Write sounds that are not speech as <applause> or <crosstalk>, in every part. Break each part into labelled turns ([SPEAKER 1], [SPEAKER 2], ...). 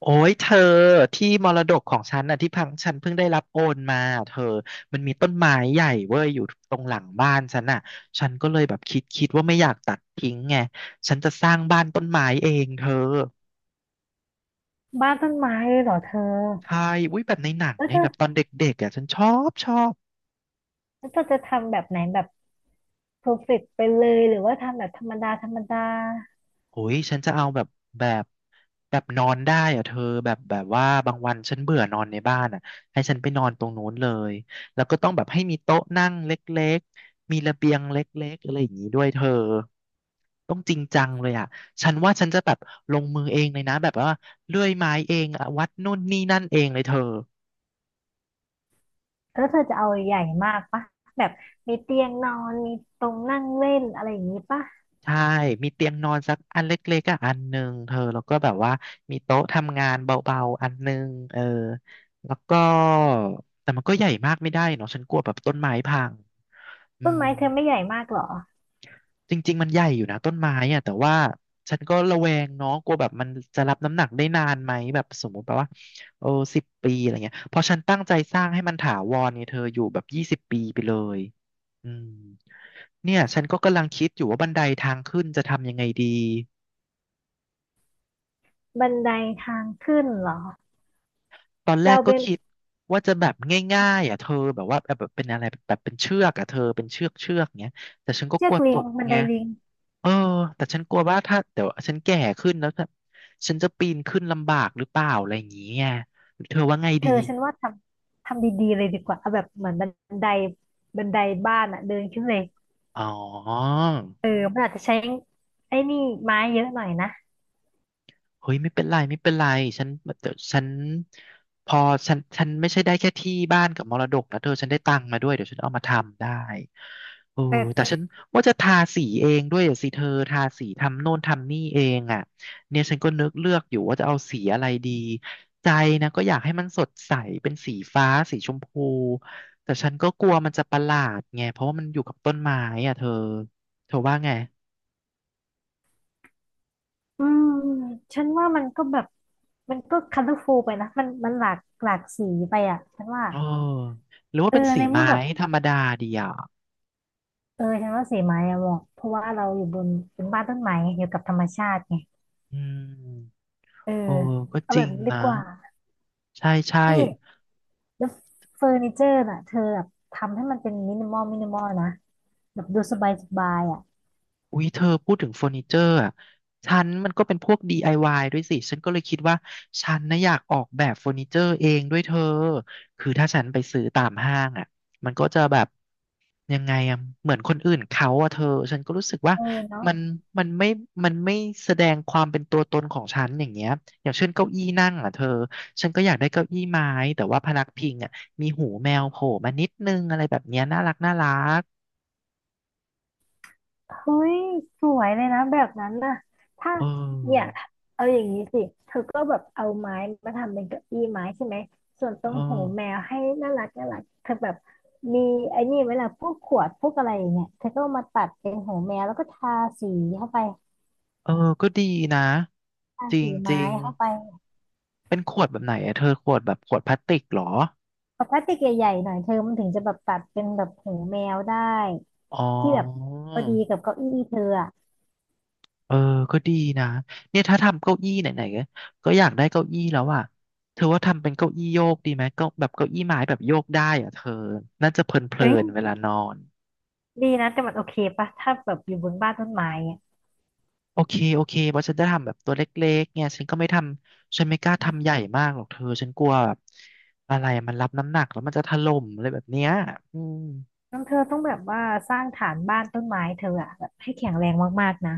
[SPEAKER 1] โอ้ยเธอที่มรดกของฉันน่ะที่พังฉันเพิ่งได้รับโอนมาเธอมันมีต้นไม้ใหญ่เว้ยอยู่ตรงหลังบ้านฉันน่ะฉันก็เลยแบบคิดว่าไม่อยากตัดทิ้งไงฉันจะสร้างบ้านต้นไม้เองเธอ
[SPEAKER 2] บ้านต้นไม้เลยเหรอเธอ
[SPEAKER 1] ใช่อุ้ยแบบในหนัง
[SPEAKER 2] แล้ว
[SPEAKER 1] ไง
[SPEAKER 2] เธอ
[SPEAKER 1] แบบตอนเด็กๆอ่ะฉันชอบ
[SPEAKER 2] แล้วเธอจะทำแบบไหนแบบเพอร์เฟกต์ไปเลยหรือว่าทำแบบธรรมดาธรรมดา
[SPEAKER 1] โอ้ยฉันจะเอาแบบแบบนอนได้อะเธอแบบว่าบางวันฉันเบื่อนอนในบ้านอะให้ฉันไปนอนตรงนู้นเลยแล้วก็ต้องแบบให้มีโต๊ะนั่งเล็กๆมีระเบียงเล็กๆอะไรอย่างนี้ด้วยเธอต้องจริงจังเลยอะฉันว่าฉันจะแบบลงมือเองเลยนะแบบว่าเลื่อยไม้เองอะวัดนู่นนี่นั่นเองเลยเธอ
[SPEAKER 2] แล้วเธอจะเอาใหญ่มากปะแบบมีเตียงนอนมีตรงนั่งเล่นอะไรอย่างนี้ปะ
[SPEAKER 1] ใช่มีเตียงนอนสักอันเล็กๆอะอันหนึ่งเธอแล้วก็แบบว่ามีโต๊ะทำงานเบาๆอันหนึ่งเออแล้วก็แต่มันก็ใหญ่มากไม่ได้เนาะฉันกลัวแบบต้นไม้พังอื
[SPEAKER 2] ต้น
[SPEAKER 1] ม
[SPEAKER 2] ไม้เธอไม่ใหญ่มากเหรอ
[SPEAKER 1] จริงๆมันใหญ่อยู่นะต้นไม้อะแต่ว่าฉันก็ระแวงเนาะกลัวแบบมันจะรับน้ำหนักได้นานไหมแบบสมมติแบบว่าโอ้สิบปีอะไรเงี้ยเพราะฉันตั้งใจสร้างให้มันถาวรเนี่ยเธออยู่แบบ20 ปีไปเลยอืมเนี่ยฉันก็กำลังคิดอยู่ว่าบันไดทางขึ้นจะทำยังไงดี
[SPEAKER 2] บันไดทางขึ้นเหรอ
[SPEAKER 1] ตอนแร
[SPEAKER 2] เรา
[SPEAKER 1] กก็
[SPEAKER 2] เป็น
[SPEAKER 1] คิดว่าจะแบบง่ายๆอ่ะเธอแบบว่าแบบเป็นอะไรแบบเป็นเชือกอ่ะเธอเป็นเชือกเงี้ยแต่ฉันก็
[SPEAKER 2] เชื
[SPEAKER 1] ก
[SPEAKER 2] อ
[SPEAKER 1] ลัว
[SPEAKER 2] ก
[SPEAKER 1] ต
[SPEAKER 2] ลิง
[SPEAKER 1] ก
[SPEAKER 2] บัน
[SPEAKER 1] ไง
[SPEAKER 2] ไดลิง
[SPEAKER 1] เออแต่ฉันกลัวว่าถ้าเดี๋ยวฉันแก่ขึ้นแล้วถ้าฉันจะปีนขึ้นลำบากหรือเปล่าอะไรอย่างเงี้ยเธอว่าไง
[SPEAKER 2] เธ
[SPEAKER 1] ดี
[SPEAKER 2] อฉันว่าทำดีๆเลยดีกว่าเอาแบบเหมือนไดบันไดบ้านอะเดินขึ้นเลย
[SPEAKER 1] อ๋อ
[SPEAKER 2] เออมันอาจจะใช้ไอ้นี่ไม้เยอะหน่อยนะ
[SPEAKER 1] เฮ้ยไม่เป็นไรฉันเดี๋ยวฉันพอฉันไม่ใช่ได้แค่ที่บ้านกับมรดกนะเธอฉันได้ตังค์มาด้วยเดี๋ยวฉันเอามาทำได้เออแต่ฉันว่าจะทาสีเองด้วยอะสิเธอทาสีทำโน่นทำนี่เองอ่ะเนี่ยฉันก็นึกเลือกอยู่ว่าจะเอาสีอะไรดีใจนะก็อยากให้มันสดใสเป็นสีฟ้าสีชมพูแต่ฉันก็กลัวมันจะประหลาดไงเพราะว่ามันอยู่กับต้นไม้อ่ะเธอเธอว่าไง
[SPEAKER 2] อืมฉันว่ามันก็แบบมันก็คัลเลอร์ฟูลไปนะมันหลากสีไปอ่ะฉันว่า
[SPEAKER 1] เออหรือว่า
[SPEAKER 2] เออ
[SPEAKER 1] เป็นสี
[SPEAKER 2] ในเมื่อ
[SPEAKER 1] ไม้
[SPEAKER 2] แบบ
[SPEAKER 1] ธรรมดาดีอ่ะ
[SPEAKER 2] เออฉันว่าสีไม้อะเหมาะเพราะว่าเราอยู่บนเป็นบ้านต้นไม้อยู่กับธรรมชาติไง
[SPEAKER 1] อืม
[SPEAKER 2] เออ
[SPEAKER 1] โอ้ก็
[SPEAKER 2] เอา
[SPEAKER 1] จ
[SPEAKER 2] แบ
[SPEAKER 1] ริ
[SPEAKER 2] บ
[SPEAKER 1] ง
[SPEAKER 2] นี้ดี
[SPEAKER 1] นะ
[SPEAKER 2] กว่า
[SPEAKER 1] ใช่ใช่
[SPEAKER 2] นี่แล้วเฟอร์นิเจอร์น่ะเธอแบบทำให้มันเป็นมินิมอลมินิมอลนะแบบดูสบายสบายอ่ะ
[SPEAKER 1] อุ๊ยเธอพูดถึงเฟอร์นิเจอร์อ่ะฉันมันก็เป็นพวก DIY ด้วยสิฉันก็เลยคิดว่าฉันนะอยากออกแบบเฟอร์นิเจอร์เองด้วยเธอคือถ้าฉันไปซื้อตามห้างอ่ะมันก็จะแบบยังไงอ่ะเหมือนคนอื่นเขาอ่ะเธอฉันก็รู้สึกว่า
[SPEAKER 2] เออเนาะ
[SPEAKER 1] มันมันไม่มันไม่แสดงความเป็นตัวตนของฉันอย่างเงี้ยอย่างเช่นเก้าอี้นั่งอ่ะเธอฉันก็อยากได้เก้าอี้ไม้แต่ว่าพนักพิงอ่ะมีหูแมวโผล่มานิดนึงอะไรแบบเนี้ยน่ารัก
[SPEAKER 2] เฮ้ยสวยเลยนะแบบนั้นน่ะถ้า
[SPEAKER 1] เอ
[SPEAKER 2] เนี่ย
[SPEAKER 1] อ
[SPEAKER 2] เอาอย่างนี้สิเธอก็แบบเอาไม้มาทำเป็นเก้าอี้ไม้ใช่ไหมส่วนตร
[SPEAKER 1] เอ
[SPEAKER 2] ง
[SPEAKER 1] อ
[SPEAKER 2] หูแมวให้น่ารักน่ารักเธอแบบมีไอ้นี่เวลาพวกขวดพวกอะไรอย่างเงี้ยเธอก็เอามาตัดเป็นหูแมวแล้วก็ทาสีเข้าไป
[SPEAKER 1] เออก็ดีนะ
[SPEAKER 2] ทา
[SPEAKER 1] จริง
[SPEAKER 2] สี
[SPEAKER 1] จริ
[SPEAKER 2] ไม้
[SPEAKER 1] ง
[SPEAKER 2] เข้าไป
[SPEAKER 1] เป็นขวดแบบไหนอะเธอขวดแบบขวดพลาสติกเหรอ
[SPEAKER 2] ปกติใหญ่ๆหน่อยเธอมันถึงจะแบบตัดเป็นแบบหูแมวได้
[SPEAKER 1] อ๋อ
[SPEAKER 2] ที่แบบพอดีกับเก้าอี้เธออะ
[SPEAKER 1] เออก็ดีนะเนี่ยถ้าทำเก้าอี้ไหนๆก็ก็อยากได้เก้าอี้แล้วอ่ะเธอว่าทำเป็นเก้าอี้โยกดีไหมเก็แบบเก้าอี้ไม้แบบโยกได้อ่ะเธอน่าจะเพลิ
[SPEAKER 2] เอ้
[SPEAKER 1] นๆเว
[SPEAKER 2] ย
[SPEAKER 1] ลานอน
[SPEAKER 2] ดีนะแต่มันโอเคปะถ้าแบบอยู่บนบ้านต้นไม้อะ
[SPEAKER 1] โอเคเพราะฉันจะทำแบบตัวเล็กๆเนี่ยฉันก็ไม่ทำฉันไม่กล้าทำใหญ่มากหรอกเธอฉันกลัวแบบอะไรมันรับน้ำหนักแล้วมันจะถล่มอะไรแบบเนี้ยอืม
[SPEAKER 2] น้องเธอต้องแบบว่าสร้างฐานบ้านต้นไม้เธออะแบบให้แข็งแรงมากๆนะ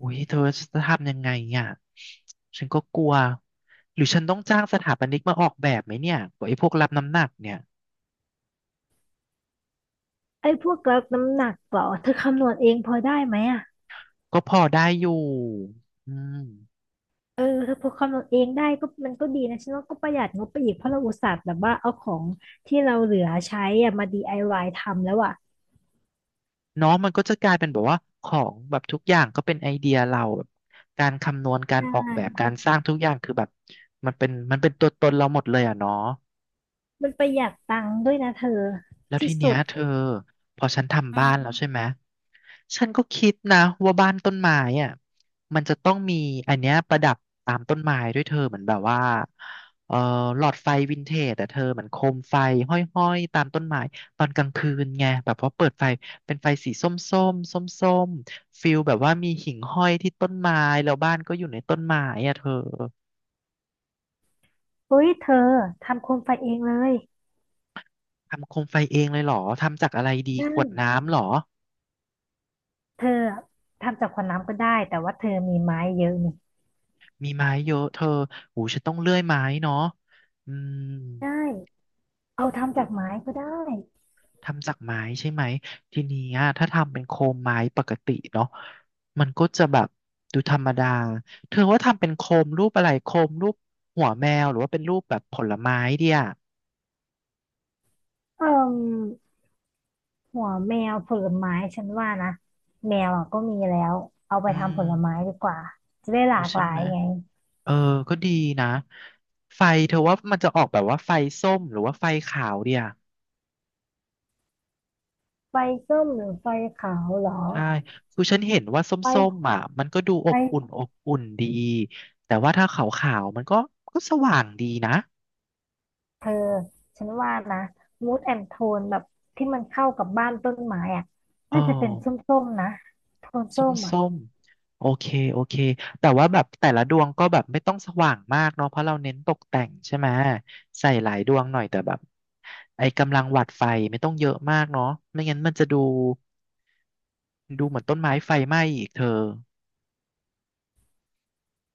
[SPEAKER 1] อุ้ยเธอจะทำยังไงอ่ะฉันก็กลัวหรือฉันต้องจ้างสถาปนิกมาออกแบบไหมเนี่ยไอ้พวกรับน้ำหนักเนี่ย
[SPEAKER 2] ไอ้พวกล้น้ำหนักเหรอเธอคำนวณเองพอได้ไหมอะ
[SPEAKER 1] ก็พอได้อยู่อืม
[SPEAKER 2] เออเธอพอคำนวณเองได้ก็มันก็ดีนะฉันว่าก็ประหยัดงบไปอีกเพราะเราอุตส่าห์แบบว่าเอาของที่เราเหลือใช้อะมา DIY ทำแล้วอะ
[SPEAKER 1] เนาะมันก็จะกลายเป็นแบบว่าของแบบทุกอย่างก็เป็นไอเดียเราแบบการคำนวณกา
[SPEAKER 2] ใช
[SPEAKER 1] รออกแบบ
[SPEAKER 2] ่
[SPEAKER 1] การสร้างทุกอย่างคือแบบมันเป็นตัวตนเราหมดเลยอ่ะเนาะ
[SPEAKER 2] มันประหยัดตังค์ด้วยนะเธอ
[SPEAKER 1] แล้วที
[SPEAKER 2] ที่
[SPEAKER 1] เนี้
[SPEAKER 2] สุ
[SPEAKER 1] ย
[SPEAKER 2] ด
[SPEAKER 1] เธอพอฉันทำบ้านแล้วใช่ไหมฉันก็คิดนะว่าบ้านต้นไม้อ่ะมันจะต้องมีอันเนี้ยประดับตามต้นไม้ด้วยเธอเหมือนแบบว่าเอ่อหลอดไฟวินเทจแต่เธอเหมือนโคมไฟห้อยๆตามต้นไม้ตอนกลางคืนไงแบบพอเปิดไฟเป็นไฟสีส้มๆส้มๆฟิลแบบว่ามีหิ่งห้อยที่ต้นไม้แล้วบ้านก็อยู่ในต้นไม้อ่ะเธอ
[SPEAKER 2] เฮ้ยเธอทำโคมไฟเองเลย
[SPEAKER 1] ทำโคมไฟเองเลยเหรอทำจากอะไรดี
[SPEAKER 2] น
[SPEAKER 1] ขวด
[SPEAKER 2] ่
[SPEAKER 1] น้ำเหรอ
[SPEAKER 2] เธออะทำจากขวดน้ำก็ได้แต่ว่าเธอมีไม้เยอะนี่
[SPEAKER 1] มีไม้เยอะเธอหูฉันต้องเลื่อยไม้เนาะอืม
[SPEAKER 2] ได้เอาทำจากไม้ก็ได้
[SPEAKER 1] ทำจากไม้ใช่ไหมทีนี้อะถ้าทำเป็นโคมไม้ปกติเนาะมันก็จะแบบดูธรรมดาเธอว่าทำเป็นโคมรูปอะไรโคมรูปหัวแมวหรือว่าเป็นรูปแบบผลไม้เดีย
[SPEAKER 2] เอ่มหัวแมวผลไม้ฉันว่านะแมวอ่ะก็มีแล้วเอาไป
[SPEAKER 1] อืม
[SPEAKER 2] ทำผลไม้ดีกว่าจะได้ห
[SPEAKER 1] เอา
[SPEAKER 2] ลาก
[SPEAKER 1] ใช่
[SPEAKER 2] หลา
[SPEAKER 1] ไห
[SPEAKER 2] ย
[SPEAKER 1] ม
[SPEAKER 2] ไง
[SPEAKER 1] เออก็ดีนะไฟเธอว่ามันจะออกแบบว่าไฟส้มหรือว่าไฟขาวเดีย
[SPEAKER 2] ไฟส้มหรือไฟขาวเหรอ
[SPEAKER 1] ใช่คือฉันเห็นว่าส้ม
[SPEAKER 2] ไฟ
[SPEAKER 1] ๆอ่ะมันก็ดูอบอุ่น
[SPEAKER 2] ไฟ
[SPEAKER 1] อบอุ่นดีแต่ว่าถ้าขาวๆมันก็สว่างดีนะ
[SPEAKER 2] เธอฉันว่านะมูดแอนโทนแบบที่มันเข้ากับบ้านต้นไม้อ่ะ
[SPEAKER 1] อ๋อ
[SPEAKER 2] น่าจะเป็นส้มๆนะโทนส้มอ่ะ
[SPEAKER 1] ส้มๆโอเคโอเคแต่ว่าแบบแต่ละดวงก็แบบไม่ต้องสว่างมากเนาะเพราะเราเน้นตกแต่งใช่ไหมใส่หลายดวงหน่อยแต่แบบไอ้กำลังหวัดไฟไม่ต้องเยอะมากเนาะไม่งั้นมันจะดูเหมือนต้นไม้ไฟไหม้อีกเธอ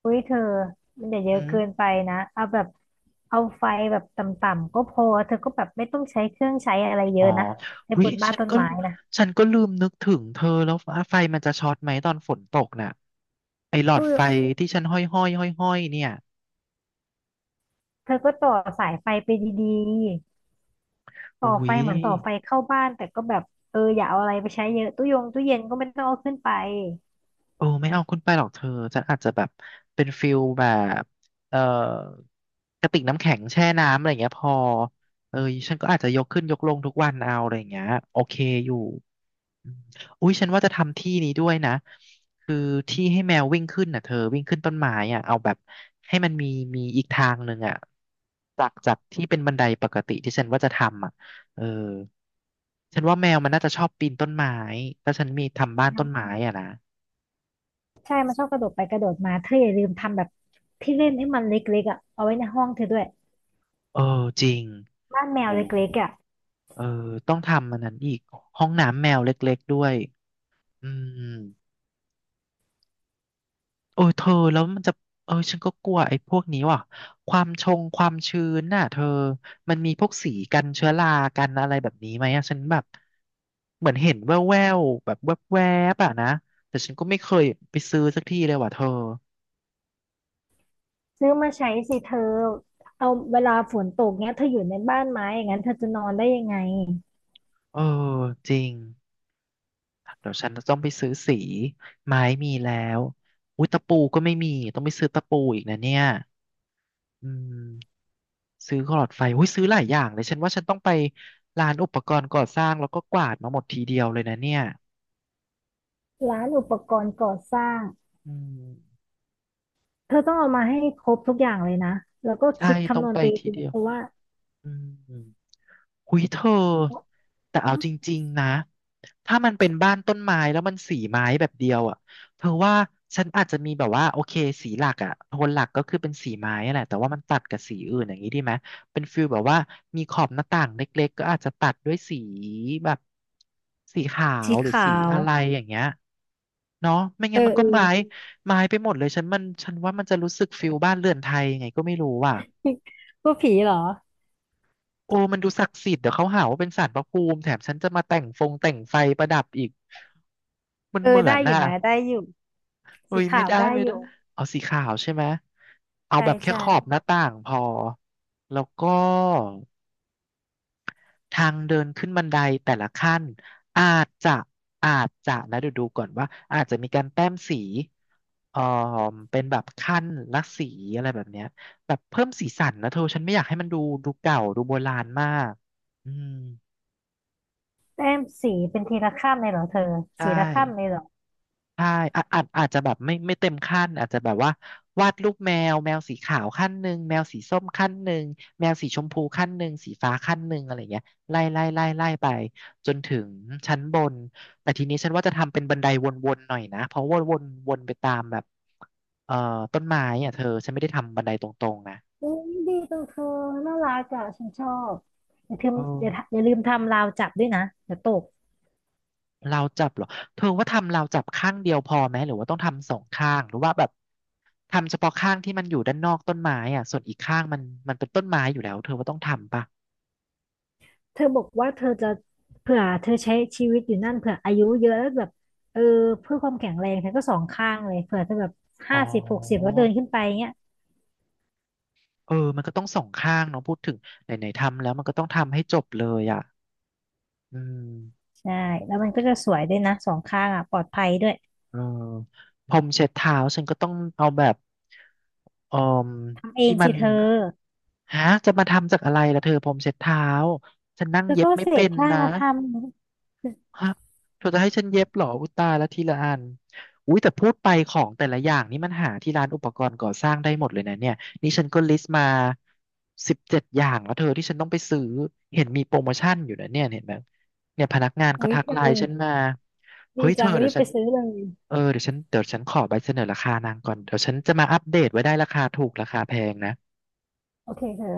[SPEAKER 2] อุ้ยเธอมันอย่าเย
[SPEAKER 1] อื
[SPEAKER 2] อะ
[SPEAKER 1] ม
[SPEAKER 2] เกินไปนะเอาแบบเอาไฟแบบต่ำๆก็พอเธอก็แบบไม่ต้องใช้เครื่องใช้อะไรเย
[SPEAKER 1] อ๋อ
[SPEAKER 2] อะนะใน
[SPEAKER 1] วิ
[SPEAKER 2] บนบ้านต้นไม้นะ
[SPEAKER 1] ฉันก็ลืมนึกถึงเธอแล้วฟ้าไฟมันจะช็อตไหมตอนฝนตกน่ะไอ้หลอด
[SPEAKER 2] อุ้ย
[SPEAKER 1] ไฟที่ฉันห้อยเนี่ย
[SPEAKER 2] เธอก็ต่อสายไฟไปดีๆต่อ
[SPEAKER 1] อุ้
[SPEAKER 2] ไฟ
[SPEAKER 1] ย
[SPEAKER 2] เหมือนต่อไฟเข้าบ้านแต่ก็แบบเอออย่าเอาอะไรไปใช้เยอะตู้ยงตู้เย็นก็ไม่ต้องเอาขึ้นไป
[SPEAKER 1] โอ้ไม่เอาขึ้นไปหรอกเธอฉันอาจจะแบบเป็นฟิลแบบเอ่อกระติกน้ำแข็งแช่น้ำอะไรอย่างเงี้ยพอเออฉันก็อาจจะยกขึ้นยกลงทุกวันเอาอะไรอย่างเงี้ยโอเคอยู่ อมอุ้ยฉันว่าจะทำที่นี้ด้วยนะคือที่ให้แมววิ่งขึ้นน่ะเธอวิ่งขึ้นต้นไม้อ่ะเอาแบบให้มันมีอีกทางหนึ่งอ่ะจากที่เป็นบันไดปกติที่ฉันว่าจะทำอ่ะเออฉันว่าแมวมันน่าจะชอบปีนต้นไม้ถ้าฉันมีทำบ้านต้นไม้อ่ะนะ
[SPEAKER 2] ใช่มันชอบกระโดดไปกระโดดมาเธออย่าลืมทำแบบที่เล่นให้มันเล็กๆอ่ะเอาไว้ในห้องเธอด้วย
[SPEAKER 1] เออจริง
[SPEAKER 2] บ้านแมว
[SPEAKER 1] โอ้
[SPEAKER 2] เล็กๆอ่ะ
[SPEAKER 1] เออต้องทำมันนั้นอีกห้องน้ำแมวเล็กๆด้วยอืม โอ้ยเธอแล้วมันจะเออฉันก็กลัวไอ้พวกนี้ว่ะความชงความชื้นน่ะเธอมันมีพวกสีกันเชื้อรากันอะไรแบบนี้ไหมอะฉันแบบเหมือนเห็นแววๆแบบแวบๆอะนะแต่ฉันก็ไม่เคยไปซื้อสักทีเลยว่ะเธอ
[SPEAKER 2] ซื้อมาใช้สิเธอเอาเวลาฝนตกเนี้ยเธออยู่ในบ้านไม้อย่างนั้นเธอจะนอนได้ยังไง
[SPEAKER 1] เออจริงเดี๋ยวฉันจะต้องไปซื้อสีไม้มีแล้วอุ้ยตะปูก็ไม่มีต้องไปซื้อตะปูอีกนะเนี่ยอืม ซื้อหลอดไฟโอ้ยซื้อหลายอย่างเลย ฉันว่าฉันต้องไปร้านอุปกรณ์ก่อสร้างแล้วก็กวาดมาหมดทีเดียวเลยนะเนี่ย
[SPEAKER 2] ร้านอุปกรณ์ก่อสร้าง
[SPEAKER 1] อืม
[SPEAKER 2] เธอต้องเอามาให้ครบทุกอย่างเลยนะแล้วก็
[SPEAKER 1] ใช่
[SPEAKER 2] คิด
[SPEAKER 1] ต้อ
[SPEAKER 2] คำ
[SPEAKER 1] ง
[SPEAKER 2] นวณ
[SPEAKER 1] ไป
[SPEAKER 2] ไป
[SPEAKER 1] ที
[SPEAKER 2] ดี
[SPEAKER 1] เดียว
[SPEAKER 2] เพราะว่า
[SPEAKER 1] อืม หุยเธอแต่เอาจริงๆนะถ้ามันเป็นบ้านต้นไม้แล้วมันสีไม้แบบเดียวอ่ะเธอว่าฉันอาจจะมีแบบว่าโอเคสีหลักอ่ะโทนหลักก็คือเป็นสีไม้อะแหละแต่ว่ามันตัดกับสีอื่นอย่างนี้ดีไหมเป็นฟิลแบบว่ามีขอบหน้าต่างเล็กๆก็อาจจะตัดด้วยสีแบบสีขาว
[SPEAKER 2] สี
[SPEAKER 1] หรือ
[SPEAKER 2] ขา
[SPEAKER 1] สี
[SPEAKER 2] ว
[SPEAKER 1] อะไรอย่างเงี้ยเนาะไม่
[SPEAKER 2] เอ
[SPEAKER 1] งั้
[SPEAKER 2] อ
[SPEAKER 1] นมัน
[SPEAKER 2] เอ
[SPEAKER 1] ก็
[SPEAKER 2] อ
[SPEAKER 1] ไม้ไปหมดเลยฉันว่ามันจะรู้สึกฟิลบ้านเรือนไทยยังไงก็ไม่รู้อ่ะ
[SPEAKER 2] <laughs> พูดผีเหรอ
[SPEAKER 1] โอ้มันดูศักดิ์สิทธิ์เดี๋ยวเขาหาว่าเป็นศาลพระภูมิแถมฉันจะมาแต่งฟงแต่งไฟประดับอีกมัน
[SPEAKER 2] เออ
[SPEAKER 1] เหมือ
[SPEAKER 2] ได้
[SPEAKER 1] น
[SPEAKER 2] อยู่
[SPEAKER 1] น่ะ
[SPEAKER 2] นะได้อยู่
[SPEAKER 1] เอ้
[SPEAKER 2] สี
[SPEAKER 1] ยไม่
[SPEAKER 2] ขาว
[SPEAKER 1] ได้
[SPEAKER 2] ได้
[SPEAKER 1] ไม่
[SPEAKER 2] อ
[SPEAKER 1] ได้
[SPEAKER 2] ยู่
[SPEAKER 1] เอาสีขาวใช่ไหมเอา
[SPEAKER 2] ใช่
[SPEAKER 1] แบบแค่
[SPEAKER 2] ใช่
[SPEAKER 1] ขอบหน้าต่างพอแล้วก็ทางเดินขึ้นบันไดแต่ละขั้นอาจจะอาจจะนะเดี๋ยวดูก่อนว่าอาจจะมีการแต้มสีเอ่อเป็นแบบขั้นละสีอะไรแบบเนี้ยแบบเพิ่มสีสันนะเธอฉันไม่อยากให้มันดูเก่าดูโบราณมากอืม
[SPEAKER 2] แต้มสีเป็นทีละข้ามเลยเหรอเธอ
[SPEAKER 1] ใช่
[SPEAKER 2] สีละข้ามเลยเหรอ
[SPEAKER 1] ใช่อาจจะแบบไม่เต็มขั้นอาจจะแบบว่าวาดรูปแมวสีขาวขั้นหนึ่งแมวสีส้มขั้นหนึ่งแมวสีชมพูขั้นหนึ่งสีฟ้าขั้นหนึ่งอะไรเงี้ยไล่ไปจนถึงชั้นบนแต่ทีนี้ฉันว่าจะทำเป็นบันไดวนๆหน่อยนะเพราะว่าวนไปตามแบบเอ่อต้นไม้อ่ะเธอฉันไม่ได้ทำบันไดตรงๆนะ
[SPEAKER 2] อุ้ยดีจังเธอน่ารักอ่ะฉันชอบอย่าลืม
[SPEAKER 1] เอ
[SPEAKER 2] อย่า
[SPEAKER 1] อ
[SPEAKER 2] อย่าลืมทำราวจับด้วยนะเดี๋ยวตก
[SPEAKER 1] ราวจับเหรอเธอว่าทำราวจับข้างเดียวพอไหมหรือว่าต้องทำสองข้างหรือว่าแบบทำเฉพาะข้างที่มันอยู่ด้านนอกต้นไม้อ่ะส่วนอีกข้างมันเป็นต้นไม้อยู่แล้วเธอว่าต้องทำปะ
[SPEAKER 2] เธอบอกว่าเธอจะเผื่อเธอใช้ชีวิตอยู่นั่นเผื่ออายุเยอะแล้วแบบเออเพื่อความแข็งแรงเธอก็สองข้างเลยเผื่อเธอแบบ
[SPEAKER 1] อ๋
[SPEAKER 2] 50 60
[SPEAKER 1] อ
[SPEAKER 2] แล้วเดินขึ้นไปเงี้ย
[SPEAKER 1] เออมันก็ต้องสองข้างเนาะพูดถึงไหนๆทำแล้วมันก็ต้องทำให้จบเลยอ่ะอืม
[SPEAKER 2] ใช่แล้วมันก็จะสวยด้วยนะสองข้างอ่ะปลอดภัยด้วย
[SPEAKER 1] เออพรมเช็ดเท้าฉันก็ต้องเอาแบบเอ่อ
[SPEAKER 2] ทำเอ
[SPEAKER 1] ที่
[SPEAKER 2] ง
[SPEAKER 1] มั
[SPEAKER 2] สิ
[SPEAKER 1] น
[SPEAKER 2] เธอ
[SPEAKER 1] ฮะจะมาทำจากอะไรล่ะเธอพรมเช็ดเท้าฉันนั่ง
[SPEAKER 2] แล้ว
[SPEAKER 1] เย็
[SPEAKER 2] ก็
[SPEAKER 1] บไม่
[SPEAKER 2] เศ
[SPEAKER 1] เป็
[SPEAKER 2] ษ
[SPEAKER 1] น
[SPEAKER 2] ผ้า
[SPEAKER 1] นะ
[SPEAKER 2] มาทำ
[SPEAKER 1] ฮะเธอจะให้ฉันเย็บเหรออุยตายแล้วทีละอันอุ้ยแต่พูดไปของแต่ละอย่างนี่มันหาที่ร้านอุปกรณ์ก่อสร้างได้หมดเลยนะเนี่ยนี่ฉันก็ลิสต์มา17อย่างแล้วเธอที่ฉันต้องไปซื้อเห็นมีโปรโมชั่นอยู่นะเนี่ยเห็นไหมเนี่ยพนักงานเขา
[SPEAKER 2] อุ๊ย
[SPEAKER 1] ทัก
[SPEAKER 2] เธ
[SPEAKER 1] ไล
[SPEAKER 2] อ
[SPEAKER 1] น์ฉันมาเฮ้
[SPEAKER 2] ดี
[SPEAKER 1] ยเธ
[SPEAKER 2] จั
[SPEAKER 1] อ
[SPEAKER 2] ง
[SPEAKER 1] เดี๋
[SPEAKER 2] รี
[SPEAKER 1] ยว
[SPEAKER 2] บ
[SPEAKER 1] ฉั
[SPEAKER 2] ไป
[SPEAKER 1] น
[SPEAKER 2] ซื้อเลย
[SPEAKER 1] เออเดี๋ยวฉันขอใบเสนอราคานางก่อนเดี๋ยวฉันจะมาอัปเดตไว้ได้ราคาถูกราคาแพงนะ
[SPEAKER 2] โอเคเธอ